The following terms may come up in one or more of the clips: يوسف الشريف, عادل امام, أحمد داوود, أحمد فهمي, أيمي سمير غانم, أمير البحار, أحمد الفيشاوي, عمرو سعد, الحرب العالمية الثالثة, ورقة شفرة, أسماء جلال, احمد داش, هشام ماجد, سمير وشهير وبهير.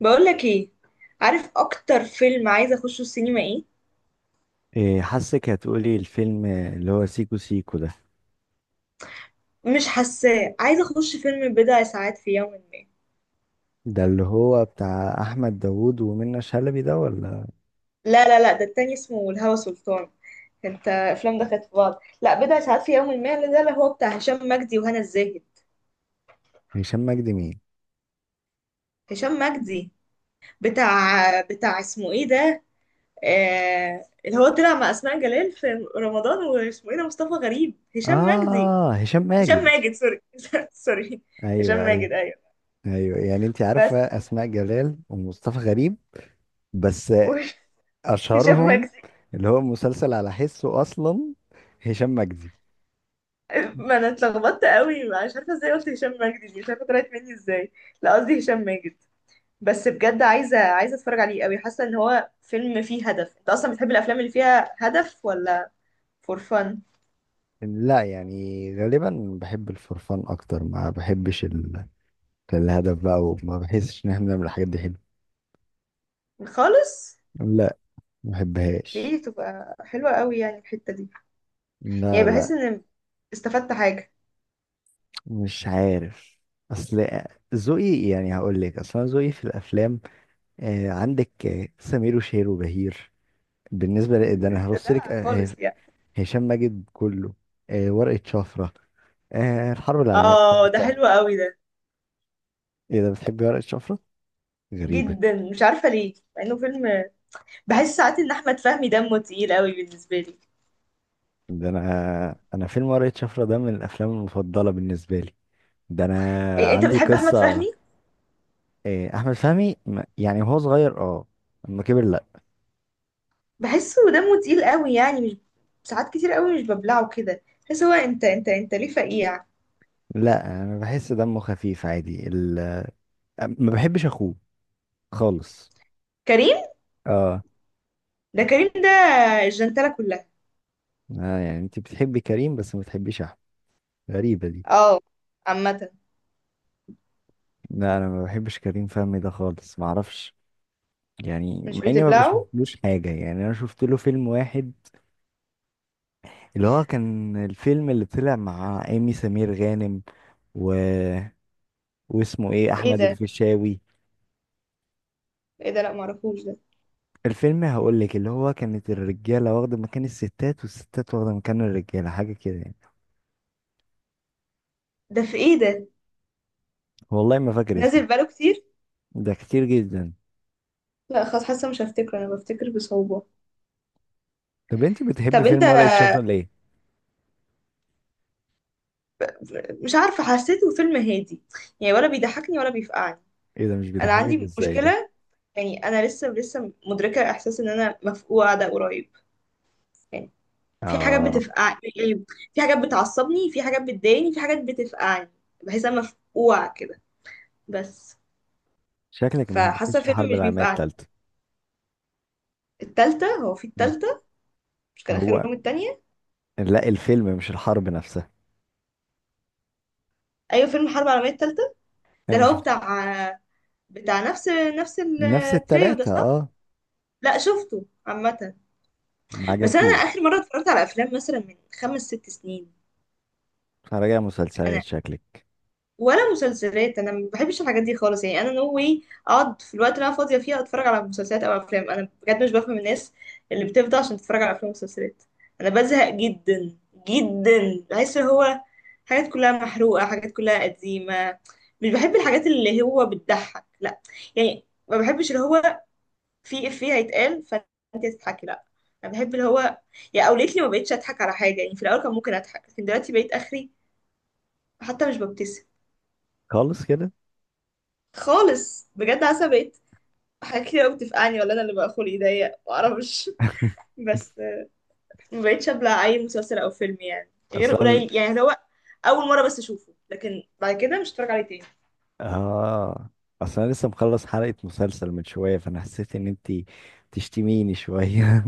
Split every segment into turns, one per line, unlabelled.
بقولك ايه؟ عارف اكتر فيلم عايزه اخشه السينما ايه؟
إيه، حاسك هتقولي الفيلم اللي هو سيكو سيكو ده
مش حاساه، عايزه اخش فيلم بضع ساعات في يوم ما.
ده اللي هو بتاع احمد داوود ومنى شلبي ده ولا؟
لا لا لا، ده التاني اسمه الهوى سلطان. انت افلام دخلت في بعض. لا، بضع ساعات في يوم ما ده اللي هو بتاع هشام مجدي وهنا الزاهد.
هشام مجدي مين؟
هشام مجدي، بتاع اسمه ايه ده، اللي هو طلع مع اسماء جلال في رمضان. واسمه ايه ده؟ مصطفى غريب. هشام مجدي.
اه، هشام
هشام
ماجد.
ماجد، سوري. سوري. هشام
ايوه ايوه
ماجد، ايوه.
ايوه، يعني انت عارفه
بس.
اسماء جلال ومصطفى غريب بس،
هشام
اشهرهم
مجدي.
اللي هو مسلسل على حسه اصلا هشام مجدي.
ما انا اتلخبطت قوي، مش عارفه ازاي قلت هشام ماجد دي، مش عارفه طلعت مني ازاي. لا، قصدي هشام ماجد. بس بجد عايزه اتفرج عليه قوي، حاسه ان هو فيلم فيه هدف. انت اصلا بتحب الافلام اللي فيها هدف ولا فور فن؟
لا يعني، غالبا بحب الفرفان اكتر، ما بحبش الهدف بقى، وما بحسش ان احنا بنعمل الحاجات دي حلو.
خالص.
لا، ما بحبهاش.
دي تبقى حلوه قوي يعني الحته دي. يعني
لا
بحس
لا،
ان استفدت حاجه.
مش عارف. اصل ذوقي، يعني هقول لك، اصل أنا ذوقي في الافلام، عندك سمير وشهير وبهير، بالنسبه ده انا
ده
هرص لك.
دلع خالص يعني.
هشام ماجد كله، ورقه شفره، الحرب العالميه
اه، ده
الثالثه.
حلو قوي ده.
ايه ده، بتحبي ورقه شفره؟ غريبه.
جدا، مش عارفه ليه مع انه فيلم. بحس ساعات ان احمد فهمي دمه تقيل قوي بالنسبه لي.
ده انا فيلم ورقه شفره ده من الافلام المفضله بالنسبه لي. ده انا
إيه، انت
عندي
بتحب احمد
قصه.
فهمي؟
احمد فهمي يعني وهو صغير اه، لما كبر لا.
بحسه دمه تقيل قوي يعني. مش ساعات كتير قوي، مش ببلعه كده. بحس هو انت ليه فقيع؟
لا، انا بحس دمه خفيف عادي. ما بحبش اخوه خالص.
كريم.
اه.
ده كريم ده الجنتلة كلها.
يعني انت بتحبي كريم بس ما بتحبيش احمد؟ غريبة دي.
اه. عامة،
لا، انا ما بحبش كريم فهمي ده خالص، ما اعرفش. يعني
مش
مع اني ما
بتبلعه.
بشوفلوش حاجة، يعني انا شفت له فيلم واحد، اللي هو كان الفيلم اللي طلع مع ايمي سمير غانم و... واسمه ايه،
في ايه
احمد
ده؟
الفيشاوي.
في ايه ده؟ لا معرفوش ده.
الفيلم هقول لك، اللي هو كانت الرجالة واخدة مكان الستات والستات واخدة مكان الرجالة، حاجة كده يعني.
ده في ايه ده
والله ما فاكر اسمه.
نازل بقاله كتير؟
ده كتير جدا.
لا خلاص، حاسه مش هفتكره، انا بفتكر بصعوبة.
طب انت بتحبي
طب انت.
فيلم ورقة شفرة ليه؟
مش عارفه، حسيته فيلم هادي يعني، ولا بيضحكني ولا بيفقعني.
ايه ده، مش
انا
بيضحكك
عندي
ازاي ده؟
مشكله. يعني انا لسه مدركه احساس ان انا مفقوعه ده قريب، يعني، في حاجات
اه.
بتفقع يعني، في حاجات بتعصبني، في حاجات بتضايقني، في حاجات بتفقعني. بحس انا مفقوعة كده بس.
شكلك ما
فحاسة
حبيتنيش
فيلم
الحرب
مش
العالميه
بيفقعني.
الثالثه.
التالتة، هو في التالتة؟ مش كان
هو
آخرهم التانية؟
لا، الفيلم مش الحرب نفسها.
أيوة، فيلم الحرب العالمية التالتة
انا
ده اللي
ما
هو
شفت.
بتاع نفس
نفس
التريو ده،
التلاتة
صح؟
اه.
لا، شفته عامة.
ما
بس أنا آخر
عجبكيش.
مرة اتفرجت على أفلام مثلا من خمس ست سنين.
راجع مسلسلات
أنا
شكلك.
ولا مسلسلات. انا ما بحبش الحاجات دي خالص يعني، انا نو واي. اقعد في الوقت اللي انا فاضيه فيه اتفرج على مسلسلات او افلام؟ انا بجد مش بفهم الناس اللي بتفضى عشان تتفرج على افلام ومسلسلات. انا بزهق جدا جدا. بحس إن هو حاجات كلها محروقه، حاجات كلها قديمه. مش بحب الحاجات اللي هو بتضحك، لا. يعني ما بحبش اللي هو في افيه هيتقال فانت هتضحكي، لا. انا بحب اللي هو يعني. او ليتلي ما بقتش اضحك على حاجه يعني، في الاول كان ممكن اضحك لكن دلوقتي بقيت اخري، حتى مش ببتسم.
خالص كده.
خالص، بجد عصبيت. حاجات كتير قوي بتفقعني، ولا انا اللي بقى خلقي ضيق، معرفش. بس ما بقتش ابلع اي مسلسل او فيلم يعني، غير
اصلا
قليل. يعني هو اول مره بس اشوفه، لكن بعد كده مش هتفرج عليه تاني.
اه، اصلا لسه مخلص حلقة مسلسل من شوية، فانا حسيت ان انتي تشتميني شوية.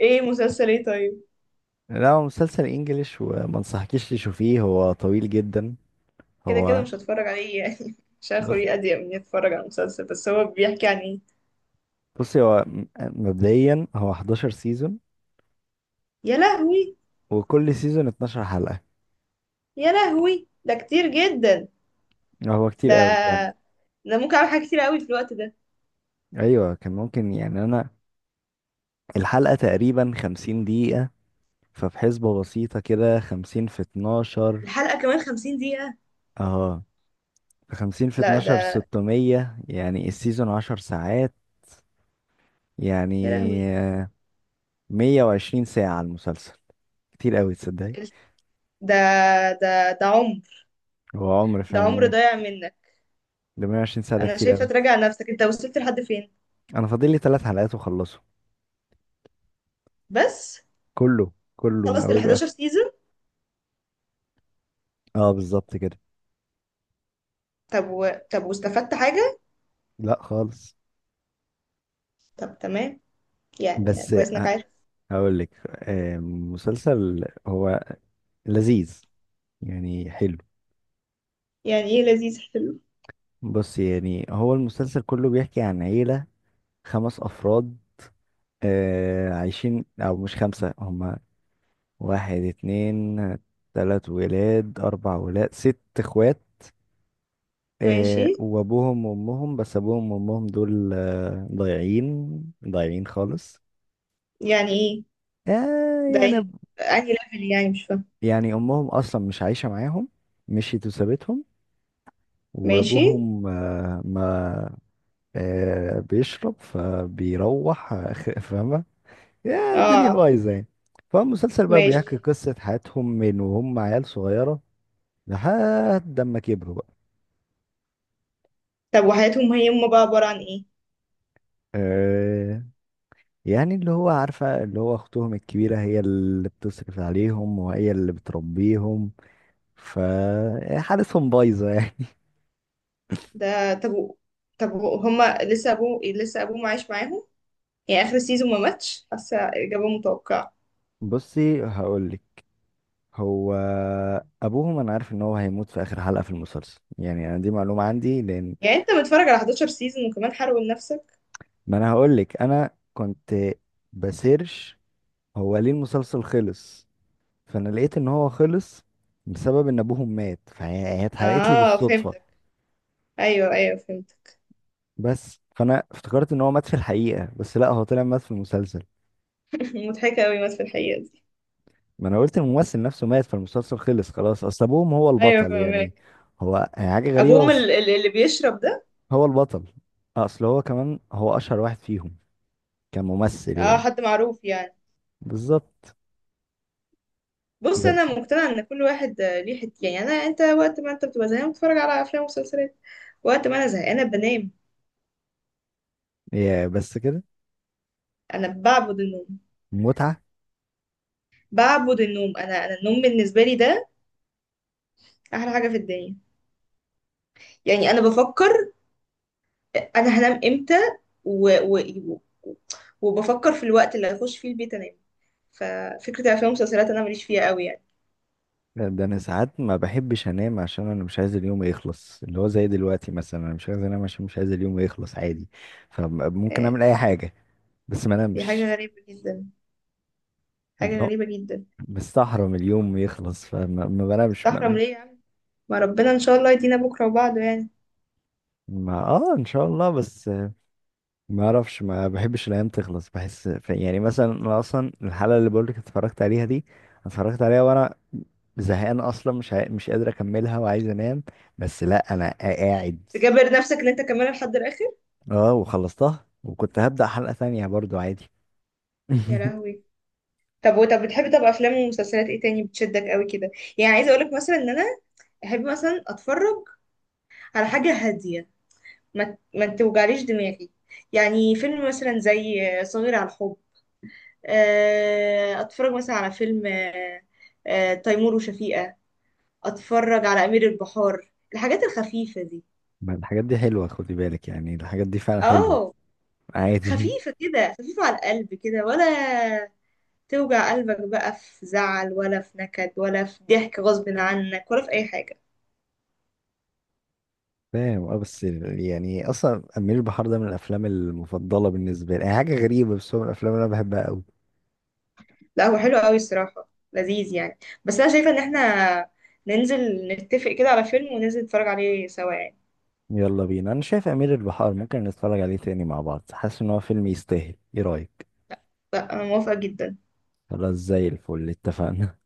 ايه مسلسل ايه طيب؟
لا، هو مسلسل انجليش، وما انصحكيش تشوفيه، هو طويل جدا.
كده كده
هو
مش هتفرج عليه يعني، مش هاخد
بص،
اضيق من إني اتفرج على مسلسل. بس هو بيحكي عن ايه؟
بصي، مبدئيا هو 11 سيزون،
يا لهوي.
وكل سيزون 12 حلقة.
يا لهوي، ده كتير جدا.
هو كتير
ده
قوي فعلا.
ده ممكن اعمل حاجات كتير قوي في الوقت ده.
ايوه كان ممكن، يعني انا الحلقة تقريبا 50 دقيقة، فبحسبة بسيطة كده، 50 في 12
الحلقه كمان 50 دقيقة.
اه، 50 في
لا
12،
ده،
600، يعني السيزون 10 ساعات، يعني
يا لهوي.
آه، 120 ساعة على المسلسل، كتير قوي تصدقي.
ده، ده عمر.
هو عمر
ده عمر
فعلا.
ضايع منك.
ده 120 ساعة، ده
انا
كتير
شايفه
قوي.
تراجع نفسك، انت وصلت لحد فين
انا فاضل لي ثلاث حلقات واخلصه.
بس؟
كله كله من
خلصت ال
اوله
11
لاخره.
سيزون؟
اه بالظبط كده.
طب واستفدت حاجه؟
لا خالص.
طب تمام، يعني
بس
كويس انك عارف.
هقول لك، مسلسل هو لذيذ، يعني حلو.
يعني ايه لذيذ حلو؟
بص يعني، هو المسلسل كله بيحكي عن عيلة خمس أفراد. عايشين، أو مش خمسة، هما واحد اتنين تلات ولاد أربع ولاد ست إخوات،
ماشي.
وأبوهم وأمهم، بس أبوهم وأمهم دول ضايعين ضايعين خالص.
يعني ايه
آه،
ده؟
يعني
انهي ليفل يعني مش فاهم.
يعني أمهم أصلا مش عايشة معاهم، مشيت وسابتهم.
ماشي.
وابوهم آه، ما آه، بيشرب، فبيروح فاهمه، يا الدنيا
اه
بايظه يعني. فالمسلسل بقى بيحكي
ماشي.
قصه حياتهم من وهم عيال صغيره لحد ما كبروا بقى.
طب وحياتهم هي هم بقى عباره عن ايه؟
آه، يعني اللي هو عارفه، اللي هو اختهم الكبيره هي اللي بتصرف عليهم وهي اللي بتربيهم. فحالتهم بايظه يعني.
ده. هما لسه ابوه عايش معاهم؟ يعني اخر سيزون ما ماتش؟ حاسه اجابه متوقعه.
بصي هقولك، هو ابوهم انا عارف ان هو هيموت في اخر حلقه في المسلسل، يعني انا دي معلومه عندي لان،
يعني انت متفرج على 11 سيزون وكمان حرقوا لنفسك؟
ما انا هقول لك، انا كنت بسيرش هو ليه المسلسل خلص، فانا لقيت ان هو خلص بسبب ان ابوهم مات، فهي اتحرقت لي
اه
بالصدفه.
فهمت. ايوه ايوه فهمت.
بس فانا افتكرت ان هو مات في الحقيقه، بس لا، هو طلع مات في المسلسل.
مضحكه قوي بس في الحقيقه دي.
ما انا قلت الممثل نفسه مات فالمسلسل خلص خلاص، اصل ابوهم هو
ايوه
البطل يعني.
فهمك.
هو هي حاجه غريبه
ابوهم
بس.
اللي بيشرب ده؟
هو البطل. اصل هو كمان هو اشهر واحد فيهم كممثل
اه،
يعني.
حد معروف يعني؟
بالظبط.
بص، انا
بس
مقتنعه ان كل واحد ليه حته يعني. انت وقت ما انت بتبقى زهقان بتتفرج على افلام ومسلسلات. وقت ما انا زهقانه بنام.
يا بس كده،
انا بعبد النوم.
متعه.
بعبد النوم انا النوم بالنسبه لي ده احلى حاجه في الدنيا. يعني انا بفكر انا هنام امتى. و... و... و- وبفكر في الوقت اللي هخش فيه البيت انام. ففكره الافلام والمسلسلات انا ماليش فيها قوي يعني.
ده انا ساعات ما بحبش انام، عشان انا مش عايز اليوم يخلص، اللي هو زي دلوقتي مثلا، انا مش عايز انام عشان مش عايز اليوم يخلص عادي. فممكن
آه،
اعمل اي حاجه بس ما
دي حاجه
انامش.
غريبه جدا، حاجة
اللي هو
غريبة جدا.
مستحرم اليوم يخلص، فما ما بنامش
تحرم ليه يعني؟ ما ربنا ان شاء الله يدينا بكرة وبعده يعني.
ما اه، ان شاء الله بس، ما اعرفش، ما بحبش الايام تخلص، بحس يعني مثلا انا اصلا الحلقه اللي بقولك اتفرجت عليها دي، اتفرجت عليها وانا زهقان اصلا، مش مش قادر اكملها، وعايز انام، بس لا انا قاعد.
تجبر نفسك ان انت كمان لحد الاخر؟
اه، وخلصتها، وكنت هبدأ حلقة ثانية برضو عادي.
يا لهوي. طب، وطب بتحبي طب افلام ومسلسلات ايه تاني بتشدك قوي كده؟ يعني عايزة اقولك مثلا ان انا احب مثلا اتفرج على حاجة هادية، ما توجعليش دماغي. يعني فيلم مثلا زي صغير على الحب، اتفرج مثلا على فيلم تيمور وشفيقة، اتفرج على امير البحار، الحاجات الخفيفة دي.
ما الحاجات دي حلوة، خدي بالك، يعني الحاجات دي فعلا حلوة.
اه.
عادي.
خفيفة كده، خفيفة على القلب كده، ولا توجع قلبك بقى في زعل ولا في نكد ولا في ضحك غصب عنك ولا في أي حاجة؟
فاهم اه، بس يعني اصلا امير البحار ده من الافلام المفضلة بالنسبة لي، يعني حاجة غريبة بس هو من الافلام اللي انا بحبها قوي.
لا، هو حلو قوي الصراحة، لذيذ يعني. بس أنا شايفة إن احنا ننزل نتفق كده على فيلم وننزل نتفرج عليه سوا يعني.
يلا بينا، انا شايف امير البحار ممكن نتفرج عليه تاني مع بعض، حاسس ان هو فيلم يستاهل، ايه رأيك؟
لا، أنا موافقة جدا.
خلاص زي الفل اتفقنا.